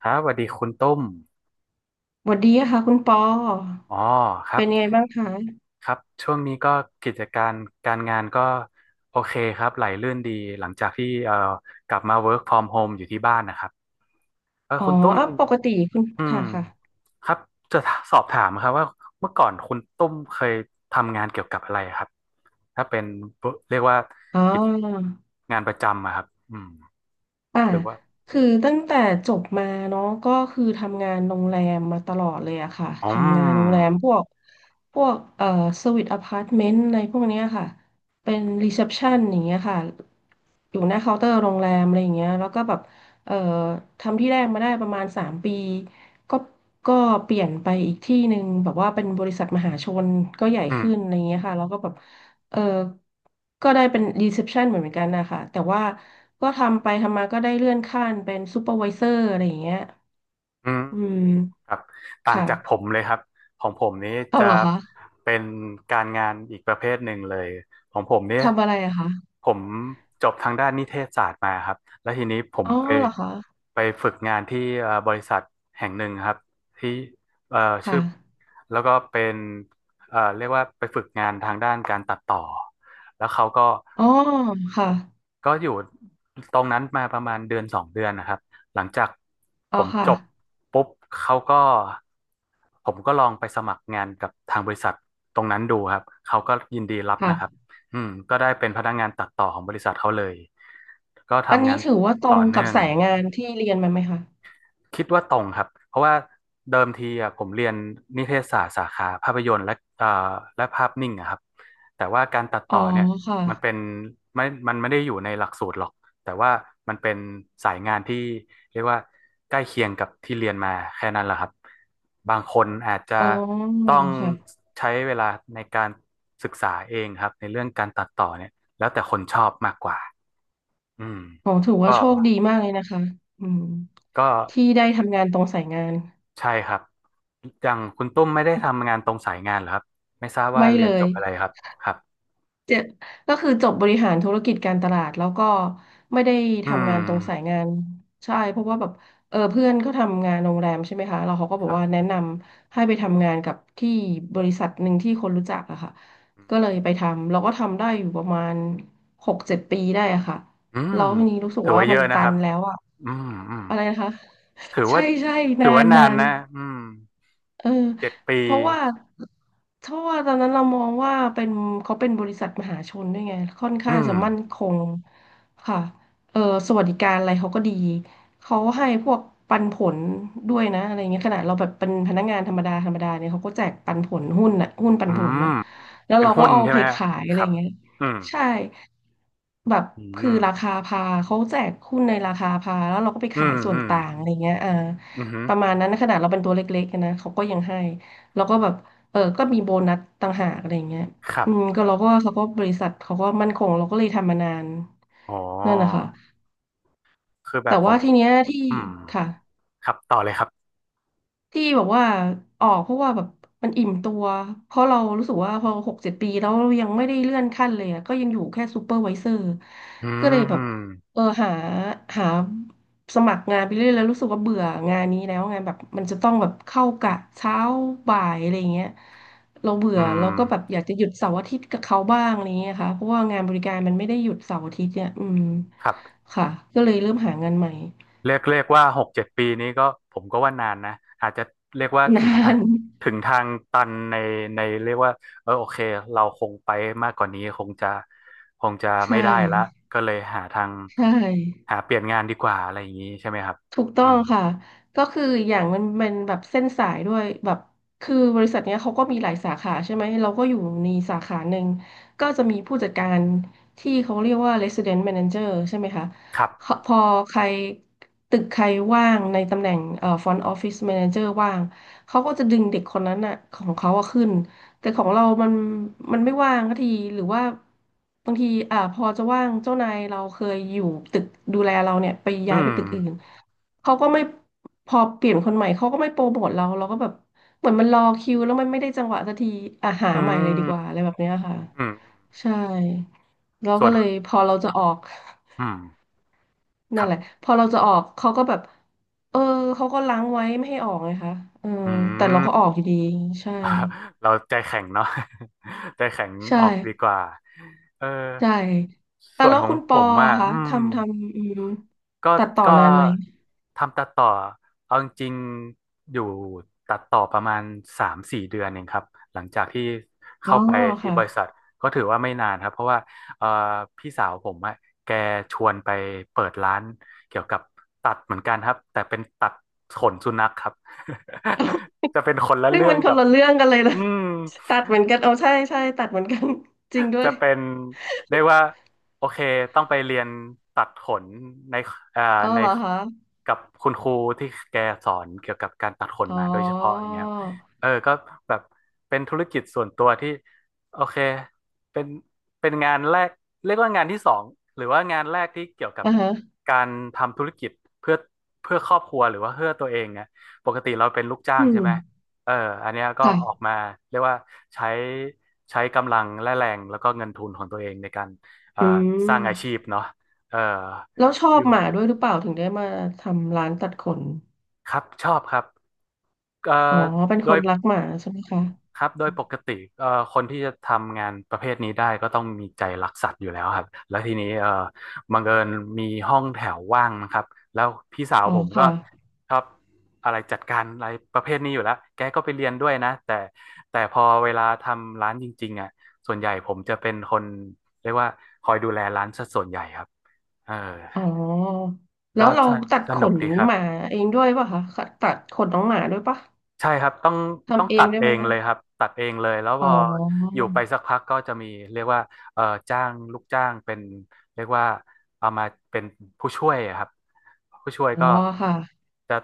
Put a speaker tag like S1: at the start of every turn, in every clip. S1: ครับสวัสดีคุณตุ้ม
S2: สวัสดีค่ะคุณปอ
S1: อ๋อครั
S2: เป็
S1: บ
S2: นยังไงบ้างคะ
S1: ครับช่วงนี้ก็กิจการการงานก็โอเคครับไหลลื่นดีหลังจากที่กลับมา work from home อยู่ที่บ้านนะครับเออ
S2: อ๋อ
S1: คุณตุ้ม
S2: อ่ะปกติคุณ
S1: อืม
S2: ค่ะค่ะ
S1: ครับจะสอบถามครับว่าเมื่อก่อนคุณตุ้มเคยทำงานเกี่ยวกับอะไรครับถ้าเป็นเรียกว่า
S2: อ๋
S1: กิจ
S2: อ
S1: งานประจำอะครับอืม
S2: อ่า
S1: หรือว่า
S2: คือตั้งแต่จบมาเนาะก็คือทำงานโรงแรมมาตลอดเลยอะค่ะ
S1: อ๋
S2: ทำงานโรงแร
S1: อ
S2: มพวกสวีทอพาร์ตเมนต์อะไรพวกเนี้ยค่ะ เป็นรีเซพชันอย่างเงี้ยค่ะ อยู่หน้าเคาน์เตอร์โรงแรมอะไรอย่างเงี้ยแล้วก็แบบเอ่อทำที่แรกมาได้ประมาณสามปีก็ก็เปลี่ยนไปอีกที่หนึ่งแบบว่าเป็นบริษัทมหาชนก็ใหญ่
S1: อืม
S2: ขึ้นอะไรอย่างเงี้ยค่ะแล้วก็แบบ เออ ก็ได้เป็นรีเซพชันเหมือนกันนะคะแต่ว่าก็ทำไปทำมาก็ได้เลื่อนขั้นเป็นซูเปอร์วิเซอร์อะไรอย่างเงี้ย
S1: อืม
S2: อืม
S1: ครับต่างจากผ
S2: ค่ะ
S1: มเลยครับของผมนี้
S2: เอา
S1: จะ
S2: เหรอคะ
S1: เป็นการงานอีกประเภทหนึ่งเลยของผมเนี่ย
S2: ทำอะไรอะคะ
S1: ผมจบทางด้านนิเทศศาสตร์มาครับแล้วทีนี้ผม
S2: อ๋อ
S1: ไป
S2: เหรอคะ
S1: ไปฝึกงานที่บริษัทแห่งหนึ่งครับที่เอ่อชื่
S2: ค่ะ
S1: อแล้วก็เป็นเรียกว่าไปฝึกงานทางด้านการตัดต่อแล้วเขาก็
S2: อ๋อค่ะ
S1: ก็อยู่ตรงนั้นมาประมาณเดือนสองเดือนนะครับหลังจากผ
S2: อ๋อ
S1: ม
S2: ค่ะ
S1: จบปุ๊บเขาก็ผมก็ลองไปสมัครงานกับทางบริษัทตรงนั้นดูครับเขาก็ยินดีรับ
S2: ค่ะ
S1: นะครับอืมก็ได้เป็นพนักงานตัดต่อของบริษัทเขาเลยก็
S2: อัน
S1: ทำ
S2: นี้
S1: งาน
S2: ถือว่าตร
S1: ต่อ
S2: งกั
S1: เนื่
S2: บ
S1: อง
S2: สายงานที่เรียนมาไหมคะ
S1: คิดว่าตรงครับเพราะว่าเดิมทีอะผมเรียนนิเทศศาสตร์สาขาภาพยนตร์และเอ่อและภาพนิ่งอะครับแต่ว่าการตัด
S2: อ๋อ
S1: ต่อเนี่ยมัน
S2: ค่ะ
S1: เป็นไม่มันไม่ได้อยู่ในหลักสูตรหรอกแต่ว่ามันเป็นสายงานที่เรียกว่าใกล้เคียงกับที่เรียนมาแค่นั้นแหละครับบางคนอาจจะ
S2: อ๋อ
S1: ต้อง
S2: ค่ะ
S1: ใช้เวลาในการศึกษาเองครับในเรื่องการตัดต่อเนี่ยแล้วแต่คนชอบมากกว่าอืม
S2: อ๋อถือว่า
S1: ก็
S2: โชคดีมากเลยนะคะอืม
S1: ก็
S2: ที่ได้ทำงานตรงสายงาน
S1: ใช่ครับอย่างคุณตุ้มไม่ได้ทำงานตรงสายงานเหรอครับไม่ทราบว่า
S2: ไม่
S1: เรี
S2: เล
S1: ยนจ
S2: ย
S1: บอะไรครับครับ
S2: เจก็คือจบบริหารธุรกิจการตลาดแล้วก็ไม่ได้
S1: อื
S2: ทำงานตรงสาย
S1: ม
S2: งานใช่เพราะว่าแบบเออเพื่อนเขาทำงานโรงแรมใช่ไหมคะแล้วเขาก็บ
S1: ค
S2: อก
S1: รั
S2: ว่าแนะ
S1: บ
S2: นำให้ไปทำงานกับที่บริษัทหนึ่งที่คนรู้จักอะค่ะก็เลยไปทำเราก็ทำได้อยู่ประมาณหกเจ็ดปีได้อะค่ะ
S1: อืม
S2: แล้วทีนี้รู้สึก
S1: ถือ
S2: ว่า
S1: ว่าเย
S2: มัน
S1: อะนะ
S2: ตั
S1: ครั
S2: น
S1: บ
S2: แล้วอะ
S1: อืมอืม
S2: อะไรนะคะ
S1: ถือ
S2: ใช่
S1: ว่า
S2: ใช่
S1: ถื
S2: นา
S1: อว่า
S2: น
S1: นา
S2: นา
S1: น
S2: น
S1: นะอืม
S2: เออ
S1: เจ็ดปี
S2: เพราะว่าเพราะว่าตอนนั้นเรามองว่าเป็นเขาเป็นบริษัทมหาชนด้วยไงค่อน
S1: อื
S2: ข้าง
S1: ม
S2: จะมั่นคงค่ะเออสวัสดิการอะไรเขาก็ดีเขาให้พวกปันผลด้วยนะอะไรเงี้ยขนาดเราแบบเป็นพนักงานธรรมดาธรรมดาเนี่ยเขาก็แจกปันผลหุ้นน่ะหุ้นปั
S1: อื
S2: นผล
S1: ม
S2: น่ะแล้ว
S1: เป็น
S2: เรา
S1: หุ้
S2: ก็
S1: น
S2: เอา
S1: ใช่
S2: ไป
S1: ไหมฮะ
S2: ขายอะ
S1: ค
S2: ไร
S1: รับ
S2: เงี้ย
S1: อืม
S2: ใช่แบบ
S1: อื
S2: คือ
S1: ม
S2: ราคาพาเขาแจกหุ้นในราคาพาแล้วเราก็ไป
S1: อื
S2: ขาย
S1: ม
S2: ส่ว
S1: อื
S2: น
S1: ม
S2: ต่างอะไรเงี้ยอ่า
S1: อืม
S2: ประมาณนั้นนะขนาดเราเป็นตัวเล็กๆนะเขาก็ยังให้แล้วก็แบบเออก็มีโบนัสต่างหากอะไรอย่างเงี้ย
S1: ครั
S2: อืม
S1: บ
S2: ก็เราก็เขาก็บริษัทเขาก็มั่นคงเราก็เลยทำมานาน
S1: อ๋อ
S2: นั่นนะคะ
S1: คือแบ
S2: แต่
S1: บผ
S2: ว่า
S1: ม
S2: ทีเนี้ยที่
S1: อืม
S2: ค่ะ
S1: ครับต่อเลยครับ
S2: ที่แบบว่าออกเพราะว่าแบบมันอิ่มตัวเพราะเรารู้สึกว่าพอหกเจ็ดปีแล้วเรายังไม่ได้เลื่อนขั้นเลยอะก็ยังอยู่แค่ซูเปอร์ไวเซอร์
S1: อื
S2: ก็เลยแบ
S1: ม
S2: บเออหาสมัครงานไปเรื่อยแล้วรู้สึกว่าเบื่องานนี้แล้วไงานแบบมันจะต้องแบบเข้ากะเช้าบ่ายอะไรอย่างเงี้ยเราเบื่
S1: อื
S2: อเราก็แบบ
S1: ม
S2: อยากจะหยุดเสาร์อาทิตย์กับเขาบ้างอะไรอย่างเงี้ยค่ะเพราะว่างานบริการมันไม่ได้หยุดเสาร์อาทิตย์เนี่ยอืม
S1: ครับ
S2: ค่ะก็เลยเริ่มหางานใหม่
S1: เรียกเรียกว่าหกเจ็ดปีนี้ก็ผมก็ว่านานนะอาจจะเรียกว่า
S2: นา
S1: ถึงทา
S2: น
S1: ถึงทางตันในในเรียกว่าเออโอเคเราคงไปมากกว่านี้คงจะคงจะ
S2: ใช่
S1: ไม่ได้ละก็เลยหาทาง
S2: ใช่
S1: หาเปลี่ยนงานดีกว่าอะไรอย่างนี้ใช่ไหมครับ
S2: ถูกต้
S1: อื
S2: อง
S1: ม
S2: ค่ะก็คืออย่างมันแบบเส้นสายด้วยแบบคือบริษัทเนี้ยเขาก็มีหลายสาขาใช่ไหมเราก็อยู่ในสาขาหนึ่งก็จะมีผู้จัดการที่เขาเรียกว่า Resident Manager ใช่ไหมคะ
S1: ครั
S2: เขา
S1: บ
S2: พอใครตึกใครว่างในตำแหน่งFront Office Manager ว่างเขาก็จะดึงเด็กคนนั้นอะของเขาอะขึ้นแต่ของเรามันไม่ว่างสักทีหรือว่าบางทีอ่าพอจะว่างเจ้านายเราเคยอยู่ตึกดูแลเราเนี่ยไป
S1: อื
S2: ย้ายไป
S1: ม
S2: ตึกอื่น เขาก็ไม่พอเปลี่ยนคนใหม่เขาก็ไม่โปรโมทเราเราก็แบบเหมือนมันรอคิวแล้วมันไม่ได้จังหวะสักทีอ่ะหา
S1: อื
S2: ใหม่เลยดี
S1: ม
S2: กว่าอะไรแบบเนี้ยค่ะ
S1: อืม
S2: ใช่เรา
S1: ส่ว
S2: ก็
S1: น
S2: เลยพอเราจะออก
S1: อืม ค
S2: นั่น
S1: รั
S2: แหละ
S1: บ
S2: พอเราจะออกเขาก็แบบเออเขาก็ล้างไว้ไม่ให้ออกไงคะเออ
S1: อื
S2: แต่เราก็ออ
S1: ม
S2: กอยู่ดีใช่
S1: เราใจแข็งเนาะ ใจแข็ง
S2: ใช่
S1: ออกดีกว่าเออ
S2: ใช่แต่
S1: ส่วน
S2: แล้ว
S1: ของ
S2: คุณป
S1: ผ
S2: อ
S1: มอ่ะ
S2: อะคะ
S1: อืม
S2: ทำอืม
S1: ก็
S2: ตัดต่อ
S1: ก็
S2: นานไหม
S1: ทำตัดต่อเอาจริงๆอยู่ตัดต่อประมาณสามสี่เดือนเองครับหลังจากที่
S2: อ๋อ
S1: เข้าไปที่
S2: ค่ะ
S1: บริษัทก็ถือว่าไม่นานครับเพราะว่าเอ่อพี่สาวผมอะแกชวนไปเปิดร้านเกี่ยวกับตัดเหมือนกันครับแต่เป็นตัดขนสุนัขครับ จะเป็นคนละ
S2: ซึ่ง
S1: เรื่อ
S2: มั
S1: ง
S2: นค
S1: กั
S2: น
S1: บ
S2: ละเรื่องกันเลยนะ
S1: อืม
S2: ตัดเหมือนกันเอาใช่ใช่ตัดเหมือนกัน จริงด้ว
S1: จะ
S2: ย
S1: เป็นเรียกว่าโอเคต้องไปเรียนตัดขนในเอ่อ
S2: เอา
S1: ใน
S2: เหรอคะ
S1: กับคุณครูที่แกสอนเกี่ยวกับการตัดขน
S2: อ๋อ
S1: มาโดยเฉพาะอย่างเงี้ยครับเออก็แบบเป็นธุรกิจส่วนตัวที่โอเคเป็นเป็นงานแรกเรียกว่างานที่สองหรือว่างานแรกที่เกี่ยวกับ
S2: อ่าฮะ
S1: การทำธุรกิจเพื่อเพื่อครอบครัวหรือว่าเพื่อตัวเองอะปกติเราเป็นลูกจ้า
S2: อื
S1: งใช่
S2: ม
S1: ไหม เอออันเนี้ยก็ออก
S2: ค่ะ
S1: มาเรียกว่าใช้ใช้กำลังและแรงแล้วก็เงินทุนของตัวเองในการเอ่อ
S2: อื
S1: ส
S2: ม
S1: ร้างอาชีพเนาะเออ
S2: แล้วชอ
S1: อ
S2: บ
S1: ยู่
S2: หมาด้วยหรือเปล่าถึงได้มาทำร้านตัดขน
S1: ครับชอบครับเอ่
S2: อ๋อ
S1: อ
S2: เป็น
S1: โด
S2: ค
S1: ย
S2: นรักหมาใช่ไหมคะ
S1: ครับโดยปกติเอ่อคนที่จะทำงานประเภทนี้ได้ก็ต้องมีใจรักสัตว์อยู่แล้วครับแล้วทีนี้บังเอิญมีห้องแถวว่างนะครับแล้วพี่สาว
S2: อ๋อ
S1: ผมก็
S2: ค่ะ
S1: ชอบอะไรจัดการอะไรประเภทนี้อยู่แล้วแกก็ไปเรียนด้วยนะแต่แต่พอเวลาทำร้านจริงๆอ่ะส่วนใหญ่ผมจะเป็นคนเรียกว่าคอยดูแลร้านซะส่วนใหญ่ครับเออ
S2: อ๋อแล้
S1: ก็
S2: วเราตัด
S1: ส
S2: ข
S1: นุก
S2: น
S1: ดีครั
S2: ห
S1: บ
S2: มาเองด้วยป่ะคะค่ะตัดขนน้องหมาด้วยป่ะ
S1: ใช่ครับต้องต้อง
S2: ทำเอ
S1: ตั
S2: ง
S1: ด
S2: ด้วย
S1: เอ
S2: ไหม
S1: ง
S2: คะ
S1: เลยครับตัดเองเลยแล้วพ
S2: อ๋อ
S1: ออยู่ไปสักพักก็จะมีเรียกว่าเอ่อจ้างลูกจ้างเป็นเรียกว่าเอามาเป็นผู้ช่วยอะครับผู้ช่วย
S2: อ๋อ
S1: ก็
S2: ค่ะ
S1: จะ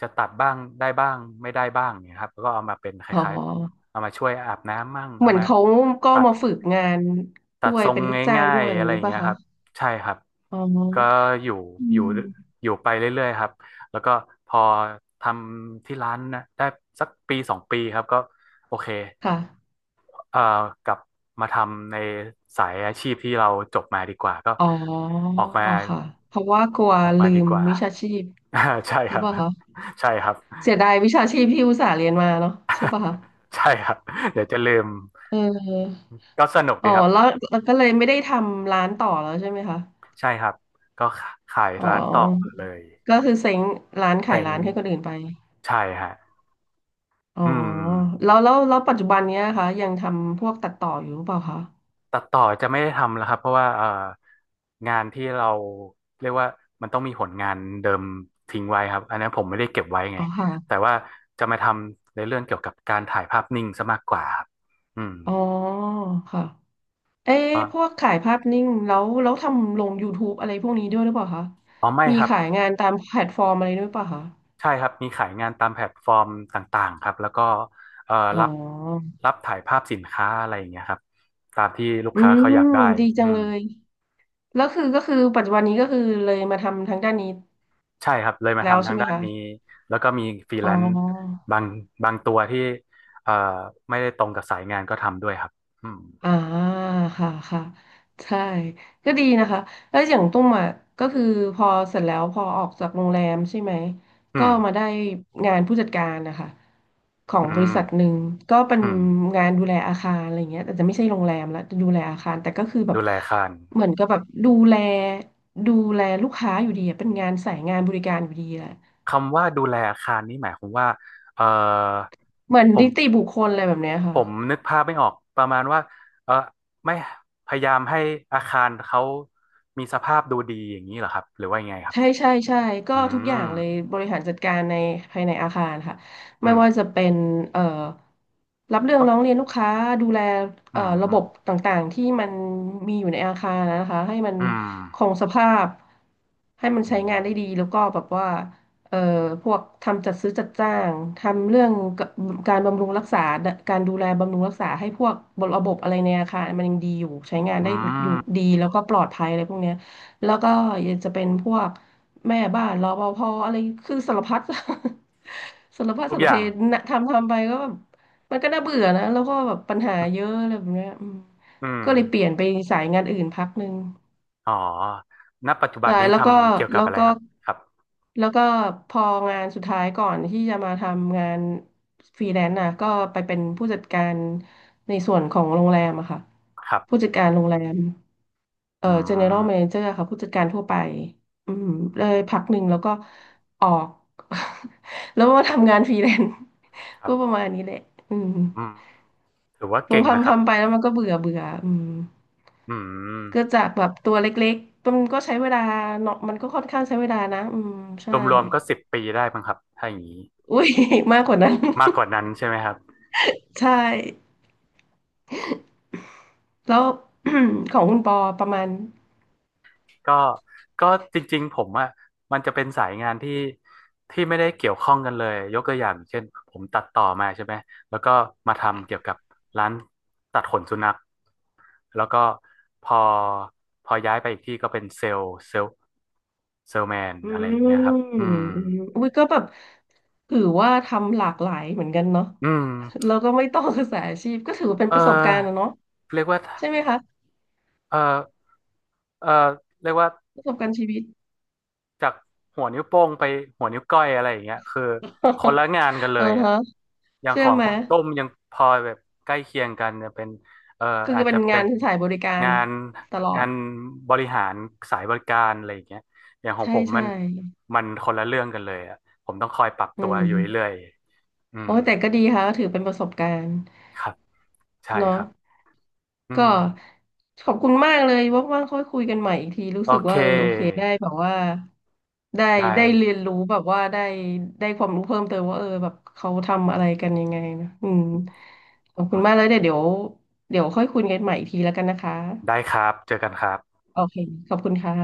S1: จะตัดบ้างได้บ้างไม่ได้บ้างเนี่ยครับแล้วก็เอามาเป็นค
S2: อ๋
S1: ล้าย
S2: อ
S1: ๆเอามาช่วยอาบน้ำมั่ง
S2: เห
S1: เอา
S2: มือน
S1: มา
S2: เขาก็
S1: ตัด
S2: มาฝึกงาน
S1: ตั
S2: ด้
S1: ด
S2: วย
S1: ทรง
S2: เป็นลูกจ้าง
S1: ง่า
S2: ด้
S1: ย
S2: วย
S1: ๆ
S2: อย่า
S1: อะ
S2: ง
S1: ไรอ
S2: นี้
S1: ย่าง
S2: ป่ะ
S1: เงี้ย
S2: คะ
S1: ครับใช่ครับ
S2: อ๋อ
S1: ก็อยู่
S2: อื
S1: อยู่
S2: ม
S1: อยู่ไปเรื่อยๆครับแล้วก็พอทำที่ร้านนะได้สักปีสองปีครับก็โอเค
S2: ค่ะ
S1: เอ่อกลับมาทำในสายอาชีพที่เราจบมาดีกว่าก็
S2: อ๋อ
S1: ออกมา
S2: ค่ะเพราะว่ากลัว
S1: ออกมา
S2: ลื
S1: ดี
S2: ม
S1: กว่า
S2: วิชาชีพ
S1: อ่าใช่
S2: ห
S1: ค
S2: รือ
S1: รั
S2: เป
S1: บ
S2: ล่าคะ
S1: ใช่ครับ
S2: เสียดายวิชาชีพที่อุตส่าห์เรียนมาเนาะใช่ป่ะคะ
S1: ใช่ครับเดี๋ยวจะลืม
S2: เออ
S1: ก็สนุก
S2: อ๋
S1: ดี
S2: อ
S1: ครั
S2: แล้ว
S1: บ
S2: แล้วก็เลยไม่ได้ทำร้านต่อแล้วใช่ไหมคะ
S1: ใช่ครับก็ขาย
S2: อ๋อ
S1: ร้านต่อเลย
S2: ก็คือเซ้งร้าน
S1: แต่
S2: ขาย
S1: ง
S2: ร้านให้คนอื่นไป
S1: ใช่ฮะ
S2: อ๋อ
S1: อืม
S2: แล้วปัจจุบันเนี้ยคะยังทำพวกตัดต่ออยู่หรือเปล่าคะ
S1: ตัดต่อจะไม่ได้ทำแล้วครับเพราะว่างานที่เราเรียกว่ามันต้องมีผลงานเดิมทิ้งไว้ครับอันนี้นผมไม่ได้เก็บไว้ไง
S2: อ๋อ
S1: แต่
S2: ค่ะ
S1: ว่าจะมาทำในเรื่องเกี่ยวกับการถ่ายภาพนิ่งซะมากกว่าครับอืม
S2: อ๋อค่ะ เอ๊ะ
S1: ก็
S2: พวกขายภาพนิ่งแล้วทำลง YouTube อะไรพวกนี้ด้วยหรือเปล่าคะ
S1: อ๋อไม่
S2: มี
S1: ครับ
S2: ขายงานตามแพลตฟอร์มอะไรด้วยหรือเปล่าคะ
S1: ใช่ครับมีขายงานตามแพลตฟอร์มต่างๆครับแล้วก็
S2: อ๋อ
S1: รับรับถ่ายภาพสินค้าอะไรอย่างเงี้ยครับตามที่ลูก
S2: อื
S1: ค้าเขา
S2: ม
S1: อยากได้
S2: ดีจั
S1: อื
S2: ง
S1: ม
S2: เลย แล้วคือก็คือปัจจุบันนี้ก็คือเลยมาทำทางด้านนี้
S1: ใช่ครับ เลยมา
S2: แล้ว
S1: ทำ
S2: ใช่
S1: ทาง
S2: ไหม
S1: ด้าน
S2: คะ
S1: นี้แล้วก็มีฟรี
S2: อ๋
S1: แล
S2: อ
S1: นซ์บางบางตัวที่เอ่อไม่ได้ตรงกับสายงานก็ทำด้วยครับอืม
S2: อ่าค่ะค่ะใช่ก็ดีนะคะแล้วอย่างตุ้มอ่ะก็คือพอเสร็จแล้วพอออกจากโรงแรมใช่ไหม
S1: อื
S2: ก็
S1: ม
S2: มาได้งานผู้จัดการนะคะของ
S1: อื
S2: บริ
S1: ม
S2: ษัทหนึ่งก็เป็น
S1: อืม
S2: งานดูแลอาคารอะไรเงี้ยแต่จะไม่ใช่โรงแรมละจะดูแลอาคารแต่ก็คือแบบ
S1: ดูแลอาคาร
S2: เหมือนกับแบบดูแลดูแลลูกค้าอยู่ดีอะเป็นงานสายงานบริการอยู่ดีแหละ
S1: คำว่าดูแลอาคารนี่หมายความว่าเอ่อ
S2: เหมือน
S1: ผม
S2: นิติบุคคลอะไรแบบเนี้ย
S1: ผ
S2: ค่ะ
S1: มนึกภาพไม่ออกประมาณว่าเออไม่พยายามให้อาคารเขามีสภาพดูดีอย่างนี้เหรอครับหรือว่ายังไงครับ
S2: ใช่ใช่ใช่ก็
S1: อื
S2: ทุกอ
S1: ม
S2: ย่างเลยบริหารจัดการในภายในอาคารค่ะไม่
S1: อืม
S2: ว่าจะเป็นเอ่อรับเรื่องร้องเรียนลูกค้าดูแล
S1: อืม
S2: ระ
S1: อื
S2: บ
S1: ม
S2: บต่างๆที่มันมีอยู่ในอาคารนะคะให้มัน
S1: อื
S2: ค
S1: ม
S2: งสภาพให้มัน
S1: อื
S2: ใช้
S1: ม
S2: งานได้ดีแล้วก็แบบว่าเอ่อพวกทำจัดซื้อจัดจ้างทำเรื่องกการบำรุงรักษาการดูแลบำรุงรักษาให้พวกระบบอะไรในอาคารมันยังดีอยู่ใช้งานได้
S1: อื
S2: อยู่
S1: ม
S2: ดีแล้วก็ปลอดภัยอะไรพวกเนี้ย แล้วก็ยังจะเป็นพวกแม่บ้านรปภอะไรคือสารพัด สารพัด
S1: ทุก
S2: สาร
S1: อ
S2: เพ
S1: ย่าง
S2: นะทำไปก็แบบมันก็น่าเบื่อนะแล้วก็แบบปัญหาเยอะอะไรแบบเนี้ยอืม
S1: อืม
S2: ก็เลยเปลี่ยนไปสายงานอื่นพักหนึ่ง
S1: อ๋อณปัจจุบัน
S2: ใช่
S1: นี้ทำเกี่ยวกั
S2: แล้
S1: บ
S2: ว
S1: อะไร
S2: ก็
S1: ครับ ครับ
S2: แล้วก็พองานสุดท้ายก่อนที่จะมาทำงานฟรีแลนซ์นะก็ไปเป็นผู้จัดการในส่วนของโรงแรมอะค่ะ
S1: ครั
S2: ผู้
S1: บ
S2: จัดการโรงแรม
S1: อื
S2: general
S1: ม
S2: manager ค่ะผู้จัดการทั่วไปอืมเลยพักหนึ่งแล้วก็ออก แล้วมาทำงานฟรีแลนซ์
S1: ค รั
S2: ก็
S1: บ
S2: ประมาณนี้แหละอืม
S1: อืมถือว่า
S2: พอ
S1: เก่งนะค
S2: ทำ
S1: รับ
S2: ทำไปแล้วมันก็เบื่อเบื่ออืม
S1: อืม
S2: ก็จากแบบตัวเล็กๆมันก็ใช้เวลาเนาะมันก็ค่อนข้างใช้เวลานะอืมใช่
S1: รวมๆก็10 ปีได้มั้งครับ ถ้าอย่างนี้
S2: อุ้ย มากกว่านั้น
S1: มากกว่านั้นใช่ไหมครับ
S2: ใช่แล้ว ของคุณปอประมาณ
S1: ก็ก็จริงๆผมอ่ะมันจะเป็นสายงานที่ไม่ได้เกี่ยวข้องกันเลยยกตัวอย่างเช่นผมตัดต่อมาใช่ไหมแล้วก็มาทำเกี่ยวกับร้านตัดขนสุนัขแล้วก็พอพอย้ายไปอีกที่ก็เป็นเซลล์เซลแมน
S2: อื
S1: อะไรอย่างเงี้ยครับ
S2: มอื
S1: อื
S2: ม
S1: ม
S2: อุ้ยก็แบบถือว่าทำหลากหลายเหมือนกันเนาะ
S1: อืม
S2: เราก็ไม่ต้องศึกษาอาชีพก็ถือว่าเป็น
S1: เออ
S2: ประสบการณ์นะเนาะ
S1: เรียกว่า
S2: ใช่ไหมคะ
S1: เออเออเรียกว่า
S2: ประสบการณ์ชีวิต
S1: จากหัวนิ้วโป้งไปหัวนิ้วก้อยอะไรอย่างเงี้ยคือคนละ งานกันเล
S2: อือ
S1: ยอ่ะ
S2: ฮะ
S1: อย่างข
S2: เชื่อ
S1: อง
S2: ไหม
S1: คนตุ้มยังพอแบบใกล้เคียงกันจะเป็นเอ่อ
S2: คือ
S1: อาจ
S2: เป็
S1: จะ
S2: น
S1: เป็
S2: งาน
S1: น
S2: ที่สายบริการ
S1: งาน
S2: ตลอ
S1: งา
S2: ด
S1: นบริหารสายบริการอะไรอย่างเงี้ยอย่างของ
S2: ใช่
S1: ผม
S2: ใช่
S1: มันคนละเรื่องกันเลยอ่ะผมต้องคอยปรับ
S2: อื
S1: ตัวอยู่เรื่
S2: ม
S1: อยๆอืม
S2: โอ้ยแต่ก็ดีค่ะก็ถือเป็นประสบการณ์
S1: ครับใช่ค
S2: เนาะ
S1: รับอืม
S2: ก็ขอบคุณมากเลยว่างๆค่อยคุยกันใหม่อีกทีรู้
S1: โอ
S2: สึก
S1: เค
S2: ว่าเออโอเคได้แบบว่าได้
S1: ได้
S2: ได้เรียนรู้แบบว่าได้ได้ความรู้เพิ่มเติมว่าเออแบบเขาทำอะไรกันยังไงนะอืมขอบคุณมากเลยเดี๋ยวค่อยคุยกันใหม่อีกทีแล้วกันนะคะ
S1: ได้ครับเจอกันครับ
S2: โอเคขอบคุณค่ะ